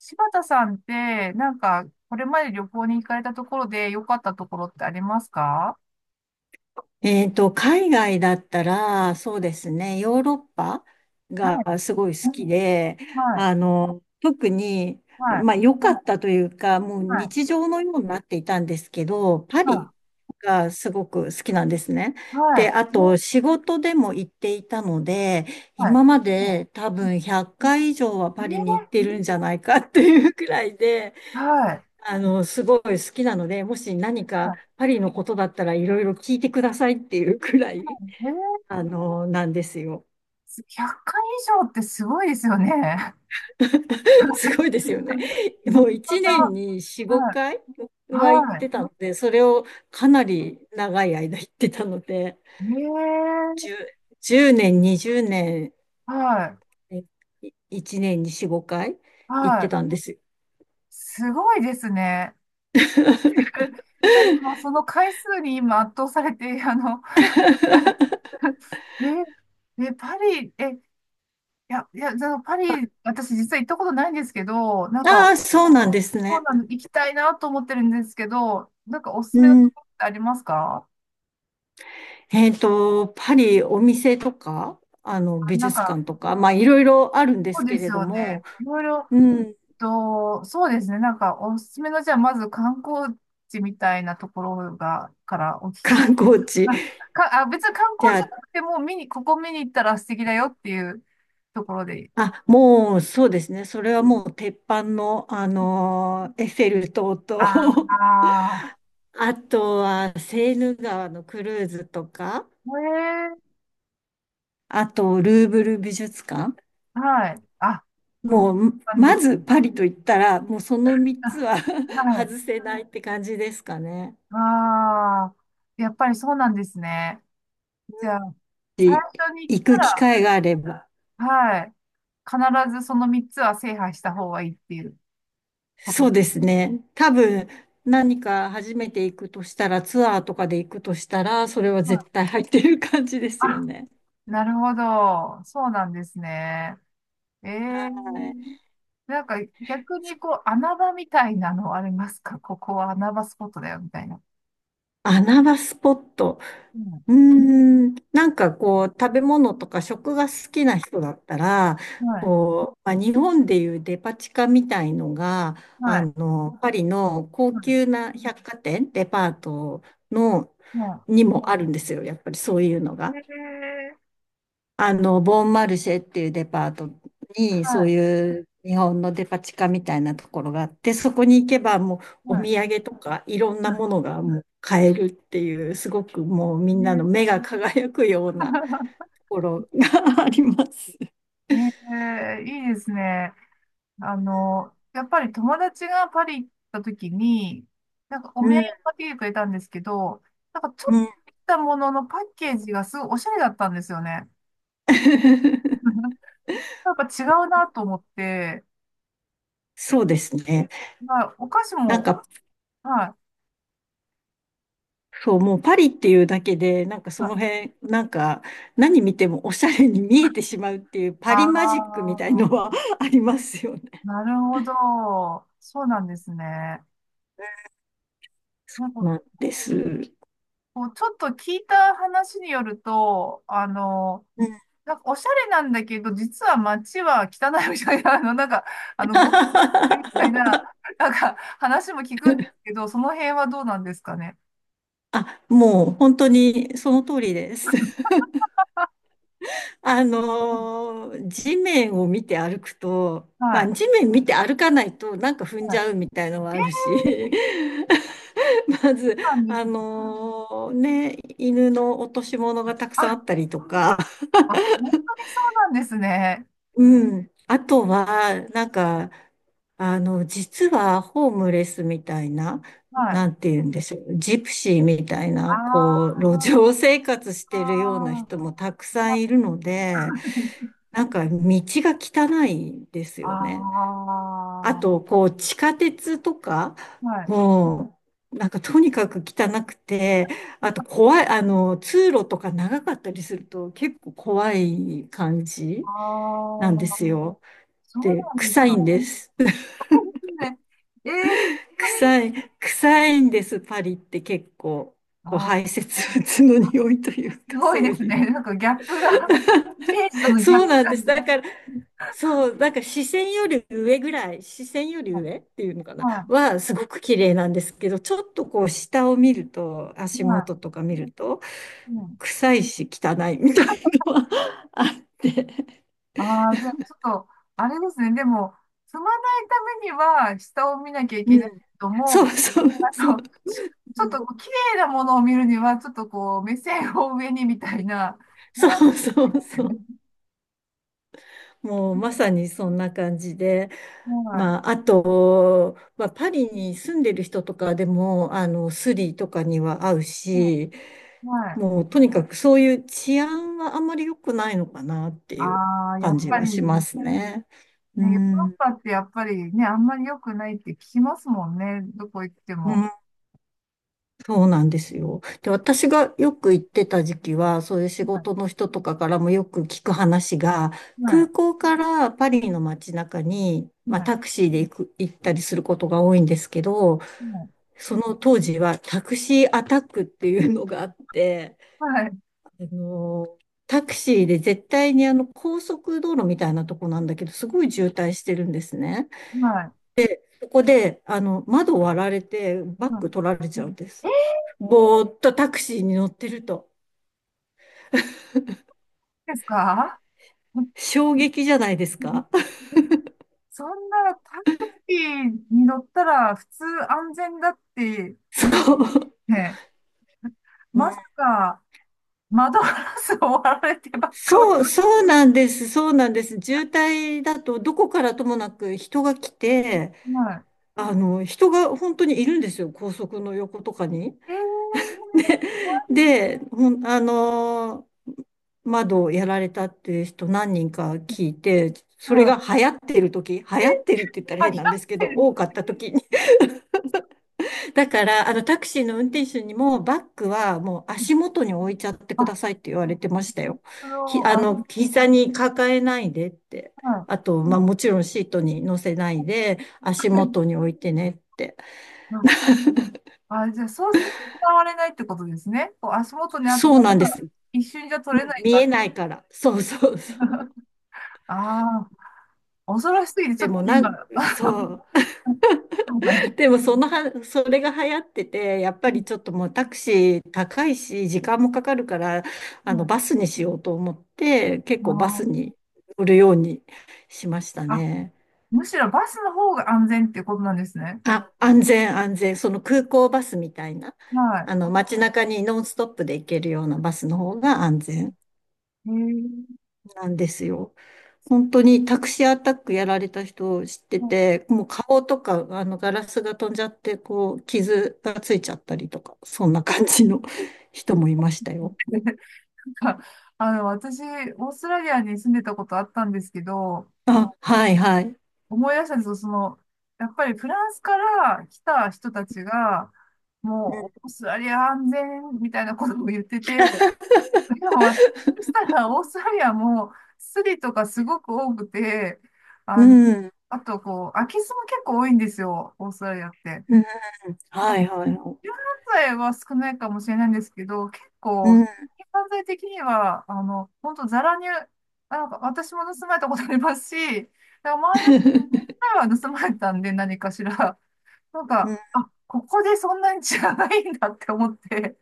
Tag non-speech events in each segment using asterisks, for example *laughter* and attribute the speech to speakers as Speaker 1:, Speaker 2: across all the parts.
Speaker 1: 柴田さんって、なんか、これまで旅行に行かれたところで良かったところってありますか？
Speaker 2: 海外だったら、そうですね、ヨーロッパ
Speaker 1: はい、
Speaker 2: がすごい好きで、
Speaker 1: はい、
Speaker 2: 特に、
Speaker 1: はい、
Speaker 2: まあ良かったというか、もう
Speaker 1: はい、
Speaker 2: 日常のようになっていたんですけど、パ
Speaker 1: は
Speaker 2: リがすごく好きなんですね。
Speaker 1: い、は
Speaker 2: で、
Speaker 1: い、
Speaker 2: あと仕事でも行っていたので、
Speaker 1: は
Speaker 2: 今まで多分100回以上はパ
Speaker 1: い。
Speaker 2: リに行ってるんじゃないかっていうくらいで、
Speaker 1: はい、
Speaker 2: すごい好きなので、もし何
Speaker 1: は
Speaker 2: か
Speaker 1: い。
Speaker 2: パリのことだったらいろいろ聞いてくださいっていうくらい、
Speaker 1: えー、
Speaker 2: なんですよ。
Speaker 1: 100回以上ってすごいですよね。*laughs*
Speaker 2: *laughs* すごいですよね。
Speaker 1: な
Speaker 2: も
Speaker 1: る
Speaker 2: う
Speaker 1: ほ
Speaker 2: 1年に4、
Speaker 1: ど。はい、
Speaker 2: 5回は行っ
Speaker 1: は
Speaker 2: て
Speaker 1: い。
Speaker 2: たので、それをかなり長い間行ってたので、
Speaker 1: え
Speaker 2: 10、年、20
Speaker 1: はい、
Speaker 2: 年、えい1年に4、5回行っ
Speaker 1: は
Speaker 2: て
Speaker 1: い。
Speaker 2: たんですよ。
Speaker 1: すごいですね。*laughs* ちょっともうその回数に今圧倒されて、えパリ、いや、いや、じゃあパリ、私実は行ったことないんですけど、なん
Speaker 2: あ
Speaker 1: か、
Speaker 2: あ、そうなんです
Speaker 1: そう
Speaker 2: ね。
Speaker 1: なの、行きたいなと思ってるんですけど、なんかおすす
Speaker 2: う
Speaker 1: めのと
Speaker 2: ん
Speaker 1: ころってありますか？
Speaker 2: えっと、パリ、お店とか、
Speaker 1: あ、
Speaker 2: 美
Speaker 1: なん
Speaker 2: 術
Speaker 1: か、
Speaker 2: 館とか、まあ、いろいろあるんで
Speaker 1: そう
Speaker 2: す
Speaker 1: で
Speaker 2: け
Speaker 1: す
Speaker 2: れど
Speaker 1: よね。
Speaker 2: も、
Speaker 1: いろいろ
Speaker 2: うん、
Speaker 1: と、そうですね。なんか、おすすめの、じゃあ、まず観光地みたいなところが、からお聞きし、
Speaker 2: 観光
Speaker 1: *laughs*
Speaker 2: 地。
Speaker 1: ああ、別に観
Speaker 2: じ
Speaker 1: 光地
Speaker 2: ゃ
Speaker 1: じゃ
Speaker 2: あ、
Speaker 1: なくても、見に、ここ見に行ったら素敵だよっていうところで。
Speaker 2: あ、もう、そうですね。それはもう、鉄板の、エッフェル塔
Speaker 1: あ
Speaker 2: と、
Speaker 1: あ、
Speaker 2: *laughs* あとは、セーヌ川のクルーズとか、
Speaker 1: え
Speaker 2: あと、ルーブル美術館。
Speaker 1: え、はい。あ、そう
Speaker 2: もう、
Speaker 1: なんで
Speaker 2: ま
Speaker 1: す
Speaker 2: ず、
Speaker 1: ね。
Speaker 2: パリと言ったら、もう、その3つ
Speaker 1: *laughs*
Speaker 2: は
Speaker 1: あ、
Speaker 2: *laughs*
Speaker 1: は
Speaker 2: 外
Speaker 1: い。
Speaker 2: せないって感じですかね。
Speaker 1: ああ、やっぱりそうなんですね。じゃあ、最
Speaker 2: し
Speaker 1: 初に言っ
Speaker 2: 行
Speaker 1: た
Speaker 2: く機
Speaker 1: ら、
Speaker 2: 会があれば。
Speaker 1: はい、必ずその3つは制覇した方がいいっていうこと
Speaker 2: そ
Speaker 1: で
Speaker 2: う
Speaker 1: す。
Speaker 2: ですね。多分、何か初めて行くとしたら、ツアーとかで行くとしたら、それは
Speaker 1: は
Speaker 2: 絶
Speaker 1: い。
Speaker 2: 対入ってる感じですよ
Speaker 1: あ、
Speaker 2: ね。
Speaker 1: なるほど。そうなんですね。ええ、
Speaker 2: はい。
Speaker 1: なんか逆にこう穴場みたいなのありますか？ここは穴場スポットだよみたいな。
Speaker 2: 穴場スポット。
Speaker 1: うん。
Speaker 2: うーん、なんかこう、食べ物とか食が好きな人だったら、
Speaker 1: はい。
Speaker 2: こう、まあ、日本でいうデパ地下みたいのが、
Speaker 1: はい。
Speaker 2: パリの高級
Speaker 1: は
Speaker 2: な百貨店、デパートの、
Speaker 1: い。は
Speaker 2: にもあるんですよ。やっぱりそういうの
Speaker 1: い。
Speaker 2: が。
Speaker 1: ええ、
Speaker 2: ボンマルシェっていうデパートに、
Speaker 1: は
Speaker 2: そう
Speaker 1: い。
Speaker 2: いう日本のデパ地下みたいなところがあって、そこに行けばもうお
Speaker 1: はい。
Speaker 2: 土産とかいろんな
Speaker 1: は
Speaker 2: ものがもう買えるっていう、すごくもうみ
Speaker 1: い。
Speaker 2: んな
Speaker 1: ね。
Speaker 2: の目が輝くようなところが *laughs* あります。
Speaker 1: *laughs* ええ、いいですね。やっぱり友達がパリ行った時に、なんかお
Speaker 2: う
Speaker 1: 土産
Speaker 2: ん、
Speaker 1: を買ってきてくれたんですけど、なんかちょ
Speaker 2: う
Speaker 1: っと
Speaker 2: ん。
Speaker 1: したもののパッケージがすごいおしゃれだったんですよね。
Speaker 2: *laughs*
Speaker 1: *laughs* やっぱ違うなと思って、や
Speaker 2: そ
Speaker 1: っ
Speaker 2: うですね。
Speaker 1: ぱお菓子
Speaker 2: なん
Speaker 1: も、
Speaker 2: か、
Speaker 1: はい。
Speaker 2: そう、もうパリっていうだけで、なんかそ
Speaker 1: ま
Speaker 2: の辺、なんか何見てもおしゃれに見えてしまうっていうパ
Speaker 1: あ、
Speaker 2: リマジックみたいのは *laughs* ありますよね。
Speaker 1: なるほど。そうなんですね。なんか
Speaker 2: なんです。うん *laughs*。
Speaker 1: こう、ちょっと聞いた話によると、なんかおしゃれなんだけど、実は街は汚いみたいな、なんか、ゴミが落ちてるみたいな、なんか話も聞くんですけど、その辺はどうなんですかね。
Speaker 2: あ、もう本当にその通りです。*laughs*
Speaker 1: うん、
Speaker 2: 地面を見て歩くと、ま
Speaker 1: は
Speaker 2: あ地
Speaker 1: い。
Speaker 2: 面見て歩かないとなんか踏ん
Speaker 1: は
Speaker 2: じ
Speaker 1: い。
Speaker 2: ゃうみたいのはある
Speaker 1: そ
Speaker 2: し、*laughs* まず、
Speaker 1: うなんですね。
Speaker 2: 犬の落とし物がたくさんあっ
Speaker 1: あ、
Speaker 2: たりとか、
Speaker 1: あ、本当にそうなんですね。
Speaker 2: うん。あとは、なんか、実はホームレスみたいな、
Speaker 1: はい。
Speaker 2: なんて言うんでしょう、ジプシーみたい
Speaker 1: あ
Speaker 2: な、こう、路上生活してるような
Speaker 1: あ、
Speaker 2: 人も
Speaker 1: *laughs*
Speaker 2: たくさんいるので、なんか道が汚いです
Speaker 1: あ
Speaker 2: よね。
Speaker 1: あ、
Speaker 2: あと、こう、地下鉄とか、
Speaker 1: はい。
Speaker 2: もう、なんかとにかく汚くて、あと怖い、通路とか長かったりすると結構怖い感
Speaker 1: あ
Speaker 2: じなんで
Speaker 1: あ、
Speaker 2: すよ。
Speaker 1: そうな
Speaker 2: で、
Speaker 1: んです
Speaker 2: 臭い
Speaker 1: か。
Speaker 2: んです。
Speaker 1: ね、えー、本当
Speaker 2: 臭
Speaker 1: に、
Speaker 2: い、臭いんです、パリって結構。こう
Speaker 1: あ
Speaker 2: 排
Speaker 1: ー、
Speaker 2: 泄物の匂いという
Speaker 1: す
Speaker 2: か、
Speaker 1: ごい
Speaker 2: そ
Speaker 1: で
Speaker 2: う
Speaker 1: す
Speaker 2: いう。
Speaker 1: ね。なんかギャップが、イメージとのギャッ
Speaker 2: そう
Speaker 1: プ。
Speaker 2: なんです。だから、そう、だから視線より上ぐらい、視線より上っていうのかな、
Speaker 1: は
Speaker 2: はすごく綺麗なんですけど、ちょっとこう下を見ると、
Speaker 1: い。
Speaker 2: 足
Speaker 1: は
Speaker 2: 元とか見ると、
Speaker 1: い。うん。
Speaker 2: 臭いし汚いみたいのは *laughs* あって。
Speaker 1: ああ、じゃあちょっと、あれですね。でも、踏まないためには、下を見なきゃい
Speaker 2: う
Speaker 1: けないけ
Speaker 2: ん。
Speaker 1: ど
Speaker 2: そう
Speaker 1: も、
Speaker 2: そう
Speaker 1: あ
Speaker 2: そう。
Speaker 1: の、しちょ
Speaker 2: う
Speaker 1: っ
Speaker 2: ん
Speaker 1: と、綺麗なものを見るには、ちょっとこう、目線を上にみたいな。ね。
Speaker 2: そうそうそう。もうまさにそんな感じで。
Speaker 1: は
Speaker 2: まあ、あと、まあ、パリに住んでる人とかでも、スリとかには合う
Speaker 1: い。は
Speaker 2: し、
Speaker 1: い。はい。
Speaker 2: もうとにかくそういう治安はあんまり良くないのかなっていう
Speaker 1: ああ、や
Speaker 2: 感
Speaker 1: っ
Speaker 2: じ
Speaker 1: ぱ
Speaker 2: は
Speaker 1: り、
Speaker 2: し
Speaker 1: ね、
Speaker 2: ますね。う
Speaker 1: ヨーロッ
Speaker 2: ん。
Speaker 1: パってやっぱりね、あんまり良くないって聞きますもんね。どこ行って
Speaker 2: う
Speaker 1: も。
Speaker 2: んそうなんですよ。で、私がよく行ってた時期は、そういう仕
Speaker 1: はい。
Speaker 2: 事の人とかからもよく聞く話が、
Speaker 1: は
Speaker 2: 空
Speaker 1: い。
Speaker 2: 港からパリの街中に、まあ、
Speaker 1: はい。
Speaker 2: タクシーで行ったりすることが多いんですけど、
Speaker 1: はい。
Speaker 2: その当時はタクシーアタックっていうのがあって、
Speaker 1: はい。
Speaker 2: あの、タクシーで絶対にあの高速道路みたいなとこなんだけど、すごい渋滞してるんですね。
Speaker 1: は
Speaker 2: そこで、窓割られてバ
Speaker 1: い。
Speaker 2: ッ
Speaker 1: は
Speaker 2: グ取
Speaker 1: い
Speaker 2: られちゃうんです。ぼーっとタクシーに乗ってると。
Speaker 1: ですか？
Speaker 2: 衝撃じゃないですか？
Speaker 1: そんなタクシーに乗ったら普通安全だって
Speaker 2: *laughs* そ
Speaker 1: 思っ
Speaker 2: う。
Speaker 1: て、
Speaker 2: う
Speaker 1: ま
Speaker 2: ん
Speaker 1: さか窓ガラスを割られてバッグを。
Speaker 2: そう、そうなんです。そうなんです。渋滞だと、どこからともなく人が来て、
Speaker 1: は
Speaker 2: 人が本当にいるんですよ。高速の横とかに。
Speaker 1: い。
Speaker 2: で、で、窓をやられたっていう人何人か聞いて、それ
Speaker 1: は
Speaker 2: が
Speaker 1: い。
Speaker 2: 流行ってる時、流行ってるって言ったら
Speaker 1: あ、
Speaker 2: 変なんで
Speaker 1: 光っ
Speaker 2: すけ
Speaker 1: て
Speaker 2: ど、
Speaker 1: る。
Speaker 2: 多かった時にだから、タクシーの運転手にも、バッグはもう足元に置いちゃってくだ
Speaker 1: あ、
Speaker 2: さいって言われてましたよ。
Speaker 1: そ
Speaker 2: ひ、
Speaker 1: の、
Speaker 2: あ
Speaker 1: あ、
Speaker 2: の、膝に抱えないでって。
Speaker 1: は
Speaker 2: あ
Speaker 1: い。
Speaker 2: と、まあ、もちろんシートに乗せないで、足元に置いてねって。
Speaker 1: あ、あ、じゃあそうすると使われないってことですね。こう足元にあっ
Speaker 2: そ
Speaker 1: た
Speaker 2: う
Speaker 1: ら
Speaker 2: なんです。
Speaker 1: 一瞬じゃ
Speaker 2: う
Speaker 1: 取れ
Speaker 2: ん
Speaker 1: ない
Speaker 2: 見
Speaker 1: か
Speaker 2: え
Speaker 1: ら。
Speaker 2: ないから。そうそうそう。
Speaker 1: ああ、恐ろしすぎてちょ
Speaker 2: で
Speaker 1: っと
Speaker 2: もな
Speaker 1: 今、
Speaker 2: ん、
Speaker 1: あ、
Speaker 2: そう。
Speaker 1: そうかな。
Speaker 2: でもそのは、それが流行ってて、やっ
Speaker 1: う
Speaker 2: ぱ
Speaker 1: ん、
Speaker 2: りちょっともうタクシー高いし、時間もかかるから、
Speaker 1: うん、
Speaker 2: バスにしようと思って、結
Speaker 1: あ
Speaker 2: 構バス
Speaker 1: ー
Speaker 2: に乗るようにしましたね。
Speaker 1: むしろバスの方が安全っていうことなんですね。
Speaker 2: あ、安全安全。その空港バスみたいな、
Speaker 1: は
Speaker 2: 街中にノンストップで行けるようなバスの方が安全
Speaker 1: い。へえ、
Speaker 2: なんですよ。
Speaker 1: そ
Speaker 2: 本当にタクシーアタックやられた人を知って
Speaker 1: うな
Speaker 2: て、もう顔とか、ガラスが飛んじゃって、こう、傷がついちゃったりとか、そんな感じの *laughs* 人もいました
Speaker 1: ん
Speaker 2: よ。
Speaker 1: だ。 *laughs* なんか *laughs* 私、オーストラリアに住んでたことあったんですけど、
Speaker 2: あ、はいはい。
Speaker 1: 思い出したんですよ、やっぱりフランスから来た人たちが、
Speaker 2: うん、
Speaker 1: もう、オーストラリア安全みたいなことを言ってて、でも私そしたら、オーストラリアもスリとかすごく多くて、
Speaker 2: う
Speaker 1: あの、
Speaker 2: ん、
Speaker 1: あと、こう、空き巣も結構多いんですよ、オーストラリアって。
Speaker 2: うんはいはいはい。
Speaker 1: 柔軟剤は少ないかもしれないんですけど、結
Speaker 2: う
Speaker 1: 構、柔
Speaker 2: ん。
Speaker 1: 軟剤的には、本当ザラに、なんか私も盗まれたことありますし、なんか周りの
Speaker 2: *laughs*
Speaker 1: 前は盗まれたんで、何かしら。なんか、あ、ここでそんなにじゃないんだって思って。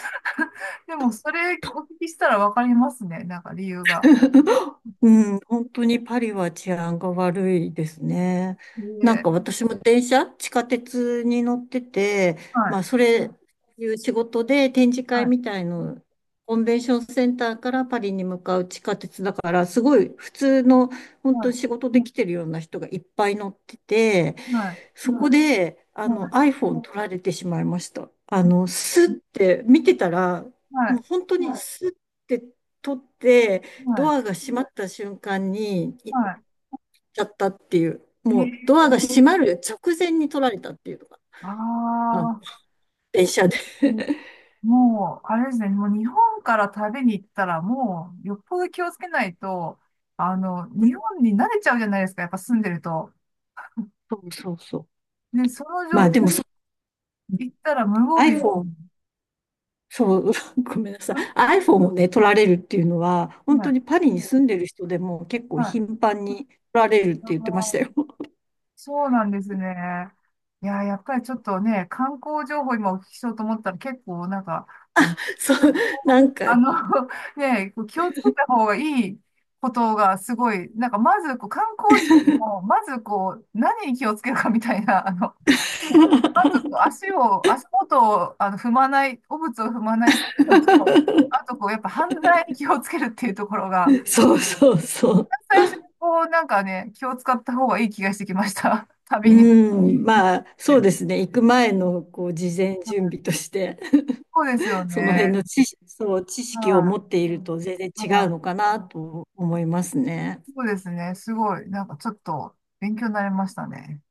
Speaker 1: *laughs* でも、それお聞きしたらわかりますね。なんか理由が。
Speaker 2: うん、本当にパリは治安が悪いですね。なん
Speaker 1: で、
Speaker 2: か私も電車、地下鉄に乗ってて、
Speaker 1: は
Speaker 2: ま
Speaker 1: い、
Speaker 2: あそれ、いう仕事で展示
Speaker 1: は
Speaker 2: 会
Speaker 1: い、
Speaker 2: みたいの、コンベンションセンターからパリに向かう地下鉄だから、すごい普通の、本
Speaker 1: は
Speaker 2: 当
Speaker 1: い、
Speaker 2: に仕事で来てるような人がいっぱい乗ってて、
Speaker 1: はい、
Speaker 2: そこで、
Speaker 1: はい、
Speaker 2: iPhone 取られてしまいました。スッて見てたら、
Speaker 1: は
Speaker 2: もう
Speaker 1: い、
Speaker 2: 本当にスッて取って、
Speaker 1: は
Speaker 2: ド
Speaker 1: い。
Speaker 2: アが閉まった瞬間に行っ
Speaker 1: は
Speaker 2: ちゃったっていう、
Speaker 1: い。
Speaker 2: もうドアが閉まる直前に取られたっていうのが、あ、
Speaker 1: ああ、
Speaker 2: 電車で。
Speaker 1: もう、あれですね、もう日本から旅に行ったら、もう、よっぽど気をつけないと、日本に慣れちゃうじゃないですか、やっぱ住んでると。
Speaker 2: そうそうそう。
Speaker 1: で、その
Speaker 2: ま
Speaker 1: 状
Speaker 2: あ
Speaker 1: 態
Speaker 2: でもそ、
Speaker 1: 行ったら無防備、う
Speaker 2: iPhone、
Speaker 1: ん、
Speaker 2: そう、*laughs* ごめんなさい。iPhone をね、取られるっていうのは、本
Speaker 1: は
Speaker 2: 当
Speaker 1: い。
Speaker 2: にパリに住んでる人でも結構
Speaker 1: はい。
Speaker 2: 頻繁に取られるって言ってましたよ。
Speaker 1: そうなんですね。いや、やっぱりちょっとね、観光情報今お聞きしようと思ったら結構なんか、あの、
Speaker 2: *laughs* そう、なんか
Speaker 1: あの *laughs* ね、こう気をつけた方がいいことがすごい、なんかまずこう観光地よりも、まずこう、何に気をつけるかみたいな、*laughs* まずこう足を、足元を踏まない、汚物を踏まないのと、あ
Speaker 2: *laughs*
Speaker 1: とこう、やっぱ犯罪に気をつけるっていうところが、
Speaker 2: そうそうそう。
Speaker 1: 最初にこう、なんかね、気を使った方がいい気がしてきました。*laughs* 旅に。
Speaker 2: うん、まあ、そうですね。行く前の、こう、事前
Speaker 1: は
Speaker 2: 準
Speaker 1: い、
Speaker 2: 備として、
Speaker 1: そうですよ
Speaker 2: その辺
Speaker 1: ね。
Speaker 2: の知識、そう、知識を持
Speaker 1: は
Speaker 2: っていると全然
Speaker 1: い。
Speaker 2: 違う
Speaker 1: は
Speaker 2: のかなと思いますね。
Speaker 1: い。そうですね。すごい。なんかちょっと勉強になりましたね。